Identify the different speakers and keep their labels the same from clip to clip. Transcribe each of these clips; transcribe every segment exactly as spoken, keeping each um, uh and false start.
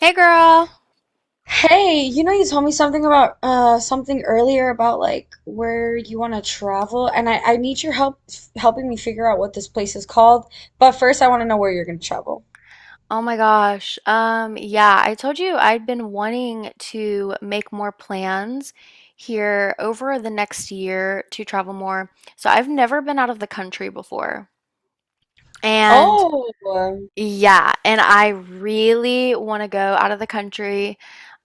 Speaker 1: Hey girl.
Speaker 2: Hey, you know, you told me something about uh something earlier about like where you want to travel, and I I need your help f helping me figure out what this place is called. But first, I want to know where you're going to travel.
Speaker 1: Oh my gosh. Um, yeah, I told you I'd been wanting to make more plans here over the next year to travel more. So I've never been out of the country before. And
Speaker 2: Oh.
Speaker 1: yeah, and I really want to go out of the country.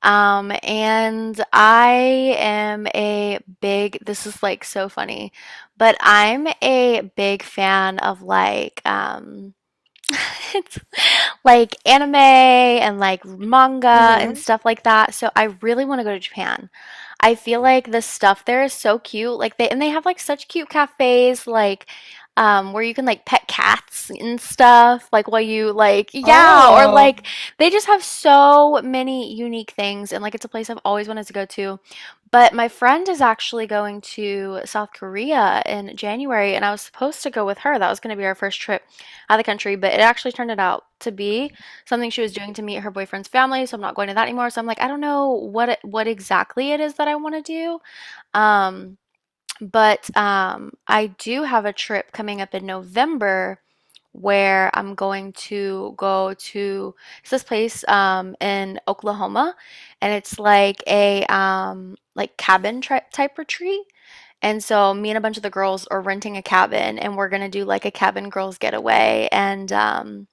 Speaker 1: Um, and I am a big, this is like so funny, but I'm a big fan of like, um, It's like anime and like manga and
Speaker 2: Mm-hmm.
Speaker 1: stuff like that. So I really want to go to Japan. I feel like the stuff there is so cute. Like they and they have like such cute cafes like um where you can like pet cats and stuff like while you like yeah or
Speaker 2: Oh.
Speaker 1: like they just have so many unique things, and like it's a place I've always wanted to go to. But my friend is actually going to South Korea in January, and I was supposed to go with her. That was going to be our first trip out of the country, but it actually turned it out to be something she was doing to meet her boyfriend's family. So I'm not going to that anymore. So I'm like, I don't know what it, what exactly it is that I want to do. Um, but um, I do have a trip coming up in November where I'm going to go to it's this place um, in Oklahoma, and it's like a um, like cabin tri type retreat. And so me and a bunch of the girls are renting a cabin, and we're gonna do like a cabin girls getaway. And um,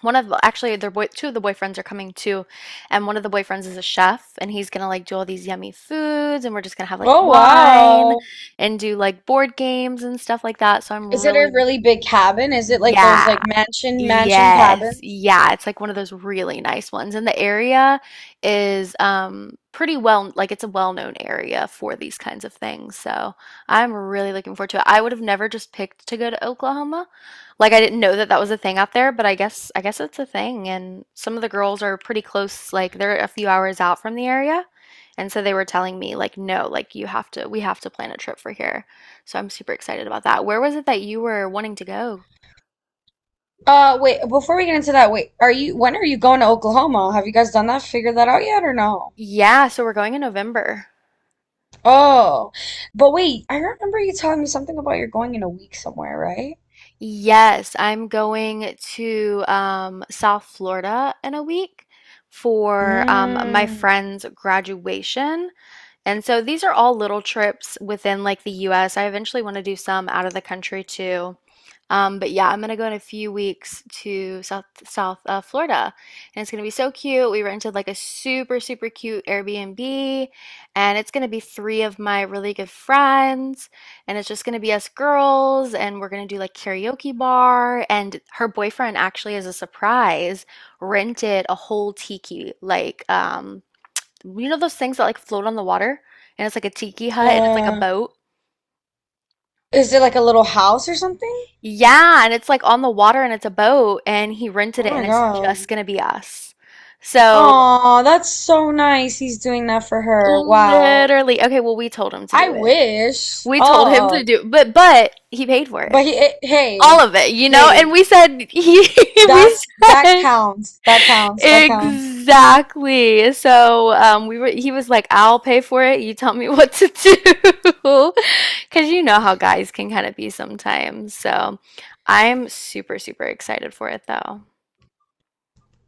Speaker 1: one of actually their boy two of the boyfriends are coming too, and one of the boyfriends is a chef, and he's gonna like do all these yummy foods, and we're just gonna have like
Speaker 2: Oh,
Speaker 1: wine
Speaker 2: wow.
Speaker 1: and do like board games and stuff like that. So I'm
Speaker 2: Is it a
Speaker 1: really
Speaker 2: really big cabin? Is it like those
Speaker 1: yeah.
Speaker 2: like mansion mansion
Speaker 1: Yes.
Speaker 2: cabins?
Speaker 1: Yeah, it's like one of those really nice ones. And the area is um pretty well like it's a well-known area for these kinds of things. So, I'm really looking forward to it. I would have never just picked to go to Oklahoma. Like I didn't know that that was a thing out there, but I guess I guess it's a thing, and some of the girls are pretty close like they're a few hours out from the area. And so they were telling me like no, like you have to we have to plan a trip for here. So, I'm super excited about that. Where was it that you were wanting to go?
Speaker 2: Uh, wait, before we get into that, wait, are you when are you going to Oklahoma? Have you guys done that? Figured that out yet or no?
Speaker 1: Yeah, so we're going in November.
Speaker 2: Oh, but wait, I remember you telling me something about you're going in a week somewhere, right?
Speaker 1: Yes, I'm going to um, South Florida in a week for um, my
Speaker 2: Mm.
Speaker 1: friend's graduation. And so these are all little trips within like the U S. I eventually want to do some out of the country too. Um, but yeah, I'm gonna go in a few weeks to South South uh, Florida, and it's gonna be so cute. We rented like a super super cute Airbnb, and it's gonna be three of my really good friends, and it's just gonna be us girls, and we're gonna do like karaoke bar. And her boyfriend actually, as a surprise, rented a whole tiki like um you know those things that like float on the water, and it's like a tiki hut and it's like a
Speaker 2: Uh,
Speaker 1: boat?
Speaker 2: is it like a little house or something?
Speaker 1: Yeah, and it's like on the water and it's a boat and he rented
Speaker 2: Oh
Speaker 1: it
Speaker 2: my
Speaker 1: and it's
Speaker 2: God.
Speaker 1: just gonna be us. So
Speaker 2: Oh, that's so nice. He's doing that for her. Wow.
Speaker 1: literally, okay, well we told him to do
Speaker 2: I
Speaker 1: it.
Speaker 2: wish.
Speaker 1: We told him to
Speaker 2: Oh,
Speaker 1: do but but he paid for it.
Speaker 2: but he, eh,
Speaker 1: All
Speaker 2: hey,
Speaker 1: of it, you know? And
Speaker 2: hey,
Speaker 1: we said he we
Speaker 2: that's that
Speaker 1: said
Speaker 2: counts. That counts. That counts.
Speaker 1: Exactly. So um, we were. He was like, "I'll pay for it. You tell me what to do," because you know how guys can kind of be sometimes. So I'm super, super excited for it though.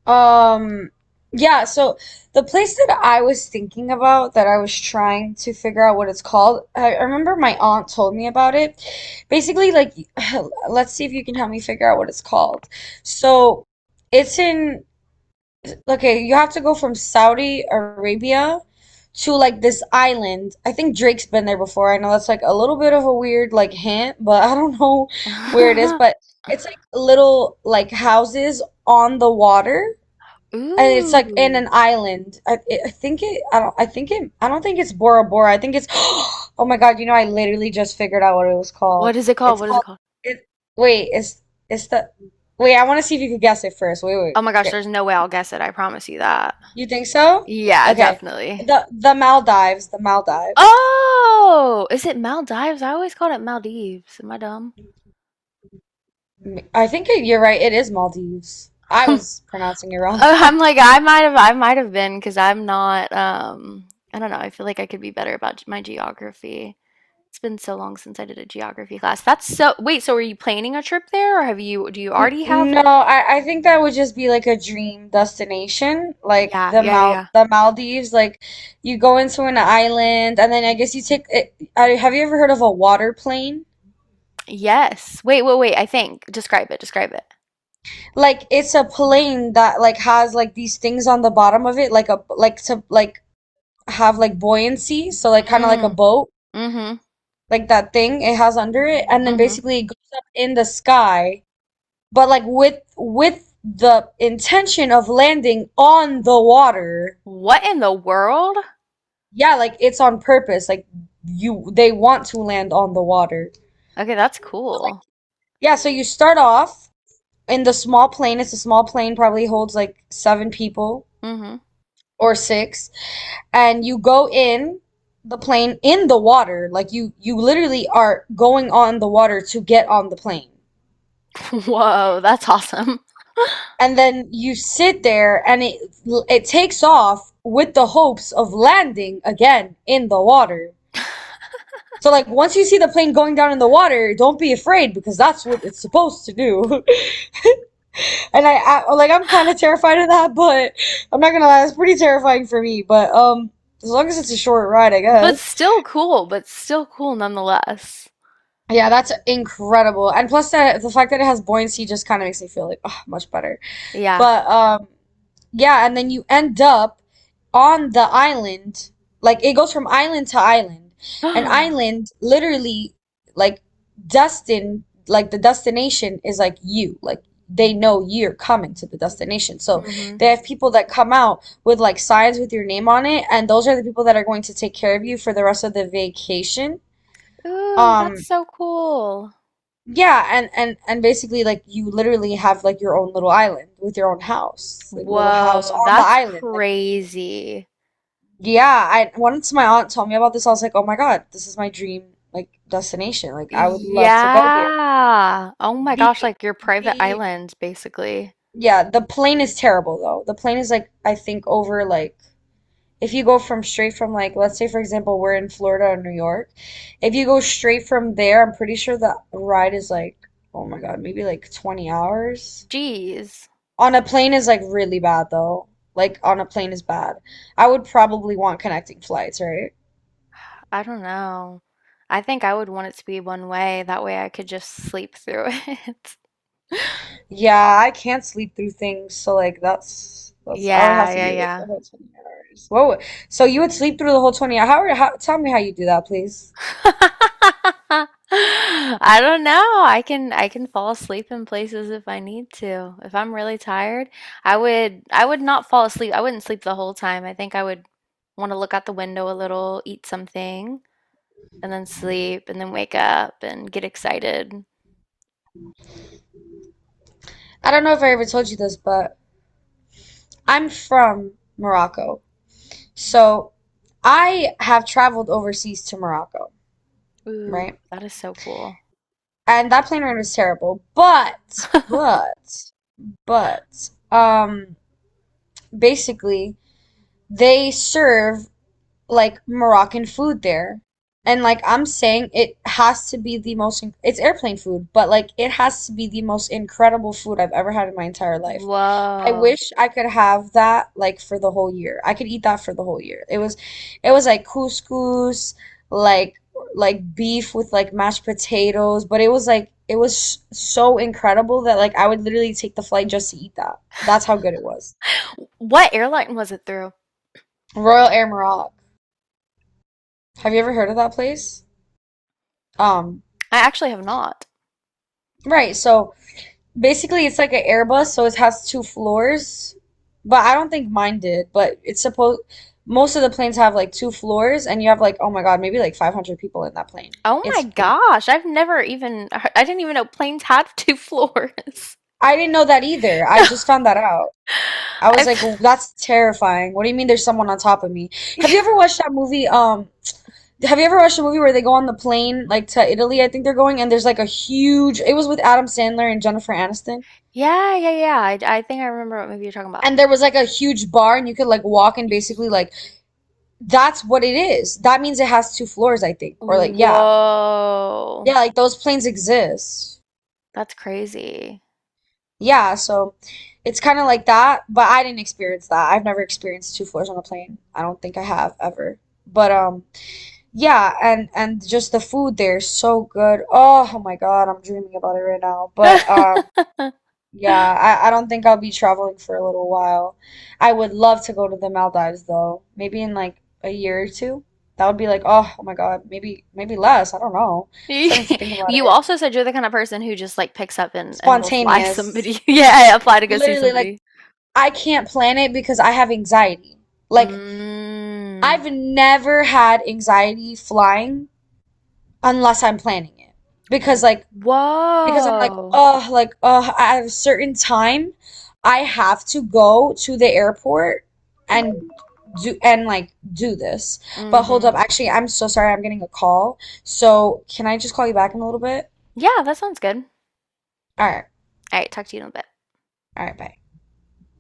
Speaker 2: Um, yeah, so the place that I was thinking about that I was trying to figure out what it's called, I I remember my aunt told me about it. Basically, like, let's see if you can help me figure out what it's called. So it's in, okay, you have to go from Saudi Arabia to like this island. I think Drake's been there before. I know that's like a little bit of a weird like hint, but I don't know where it is, but it's like little like houses on the water and it's like in
Speaker 1: Ooh,
Speaker 2: an island. I, it, I think it. I don't. I think it. I don't think it's Bora Bora. I think it's. Oh my God! You know, I literally just figured out what it was
Speaker 1: what
Speaker 2: called.
Speaker 1: is it called?
Speaker 2: It's
Speaker 1: What is it
Speaker 2: called.
Speaker 1: called?
Speaker 2: It. Wait. It's. It's the. Wait. I want to see if you could guess it first. Wait. Wait.
Speaker 1: Oh my gosh,
Speaker 2: Okay.
Speaker 1: there's no way I'll guess it. I promise you that.
Speaker 2: You think so?
Speaker 1: Yeah,
Speaker 2: Okay.
Speaker 1: definitely.
Speaker 2: The the Maldives. The Maldives.
Speaker 1: Oh, is it Maldives? I always called it Maldives. Am I dumb?
Speaker 2: I think it, you're right. It is Maldives. I was pronouncing it wrong.
Speaker 1: Uh, I'm like I might have I might have been because I'm not um I don't know I feel like I could be better about g- my geography. It's been so long since I did a geography class. That's so wait, so are you planning a trip there or have you do you
Speaker 2: N-
Speaker 1: already have
Speaker 2: No, I, I think that would just be like a dream destination, like
Speaker 1: Yeah,
Speaker 2: the
Speaker 1: yeah, yeah,
Speaker 2: Mal
Speaker 1: yeah.
Speaker 2: the Maldives. Like you go into an island, and then I guess you take it. I, have you ever heard of a water plane?
Speaker 1: Yes. Wait, wait, wait. I think describe it, describe it.
Speaker 2: Like it's a plane that like has like these things on the bottom of it, like a like to like have like buoyancy, so like kind of like a
Speaker 1: Mm,
Speaker 2: boat,
Speaker 1: mm-hmm,
Speaker 2: like that thing it has under it, and then
Speaker 1: mm-hmm.
Speaker 2: basically it goes up in the sky, but like with with the intention of landing on the water.
Speaker 1: What in the world?
Speaker 2: Yeah, like it's on purpose. Like you they want to land on the water.
Speaker 1: Okay, that's cool.
Speaker 2: Yeah, so you start off in the small plane. It's a small plane, probably holds like seven people
Speaker 1: Mm-hmm.
Speaker 2: or six, and you go in the plane in the water. Like you you literally are going on the water to get on the plane.
Speaker 1: Whoa, that's awesome.
Speaker 2: And then you sit there and it it takes off with the hopes of landing again in the water. So like once you see the plane going down in the water, don't be afraid because that's what it's supposed to do. And I, I like I'm kind of terrified of that, but I'm not gonna lie, it's pretty terrifying for me. But um, as long as it's a short ride, I
Speaker 1: But
Speaker 2: guess.
Speaker 1: still cool, but still cool nonetheless.
Speaker 2: Yeah, that's incredible. And plus that the fact that it has buoyancy just kind of makes me feel like ugh, much better.
Speaker 1: Yeah.
Speaker 2: But um yeah, and then you end up on the island. Like it goes from island to island. An island literally like destined like the destination is like you. Like they know you're coming to the destination. So
Speaker 1: Mm-hmm.
Speaker 2: they have people that come out with like signs with your name on it, and those are the people that are going to take care of you for the rest of the vacation.
Speaker 1: Ooh, that's
Speaker 2: Um
Speaker 1: so cool.
Speaker 2: yeah, and and and basically like you literally have like your own little island with your own house, like little house
Speaker 1: Whoa,
Speaker 2: on the
Speaker 1: that's
Speaker 2: island. Like
Speaker 1: crazy.
Speaker 2: yeah, I once my aunt told me about this, I was like, "Oh my God, this is my dream like destination. Like I would love to go here."
Speaker 1: Yeah. Oh my gosh,
Speaker 2: The
Speaker 1: like your private
Speaker 2: the
Speaker 1: island, basically.
Speaker 2: yeah, the plane is terrible though. The plane is like I think over like if you go from straight from like let's say for example we're in Florida or New York, if you go straight from there, I'm pretty sure the ride is like oh my God, maybe like twenty hours.
Speaker 1: Geez,
Speaker 2: On a plane is like really bad though. Like on a plane is bad. I would probably want connecting flights, right?
Speaker 1: I don't know. I think I would want it to be one way. That way I could just sleep through it.
Speaker 2: Yeah, I can't sleep through things, so like that's that's I would
Speaker 1: Yeah,
Speaker 2: have to
Speaker 1: yeah,
Speaker 2: be awake
Speaker 1: yeah.
Speaker 2: the whole twenty hours. Whoa. So you would sleep through the whole twenty hours. How, how tell me how you do that, please.
Speaker 1: I don't know. I can I can fall asleep in places if I need to. If I'm really tired, I would I would not fall asleep. I wouldn't sleep the whole time. I think I would want to look out the window a little, eat something, and then sleep, and then wake up and get excited.
Speaker 2: I don't know if I ever told you this, but I'm from Morocco. So I have traveled overseas to Morocco,
Speaker 1: Ooh,
Speaker 2: right?
Speaker 1: that is so cool.
Speaker 2: And that plane ride was terrible. But but but um basically they serve like Moroccan food there. And like I'm saying, it has to be the most, it's airplane food, but like it has to be the most incredible food I've ever had in my entire life. I
Speaker 1: Whoa.
Speaker 2: wish I could have that like for the whole year. I could eat that for the whole year. It was, it was like couscous, like like beef with like mashed potatoes, but it was like it was so incredible that like I would literally take the flight just to eat that. That's how good it was.
Speaker 1: What airline was it through?
Speaker 2: Royal Air Morocco. Have you ever heard of that place? Um,
Speaker 1: I actually have not.
Speaker 2: right, so basically it's like an Airbus, so it has two floors, but I don't think mine did, but it's supposed most of the planes have like two floors and you have like oh my God, maybe like five hundred people in that plane.
Speaker 1: Oh my
Speaker 2: It's
Speaker 1: gosh, I've never even I didn't even know planes had two floors.
Speaker 2: I didn't know that either. I just found that out. I was
Speaker 1: I've
Speaker 2: like, "Oh, that's terrifying. What do you mean there's someone on top of me?" Have you ever watched that movie? Um, have you ever watched a movie where they go on the plane like to Italy, I think they're going, and there's like a huge, it was with Adam Sandler and Jennifer Aniston.
Speaker 1: Yeah, yeah, yeah. I I think I remember what movie you're talking about.
Speaker 2: And there was like a huge bar and you could like walk and
Speaker 1: Y- y-
Speaker 2: basically like that's what it is that means it has two floors I think or like yeah. Yeah,
Speaker 1: Whoa.
Speaker 2: like those planes exist.
Speaker 1: That's crazy.
Speaker 2: Yeah, so it's kind of like that, but I didn't experience that. I've never experienced two floors on a plane, I don't think I have ever, but um yeah, and and just the food there is so good. Oh, oh my God, I'm dreaming about it right now, but um yeah, I, I don't think I'll be traveling for a little while. I would love to go to the Maldives though. Maybe in like a year or two. That would be like, oh, oh my God, maybe maybe less. I don't know. I'm
Speaker 1: You
Speaker 2: starting to think about
Speaker 1: you
Speaker 2: it.
Speaker 1: also said you're the kind of person who just like picks up and and will fly
Speaker 2: Spontaneous.
Speaker 1: somebody. Yeah, yeah, fly to go see
Speaker 2: Literally, like
Speaker 1: somebody.
Speaker 2: I can't plan it because I have anxiety. Like
Speaker 1: Mm.
Speaker 2: I've never had anxiety flying unless I'm planning it. Because like because I'm like,
Speaker 1: Whoa.
Speaker 2: oh, like, oh, at a certain time, I have to go to the airport and do and like do this. But hold
Speaker 1: Mm-hmm.
Speaker 2: up, actually, I'm so sorry. I'm getting a call. So can I just call you back in a little bit?
Speaker 1: Yeah, that sounds good.
Speaker 2: All right,
Speaker 1: All right, talk to you in a bit.
Speaker 2: all right, bye.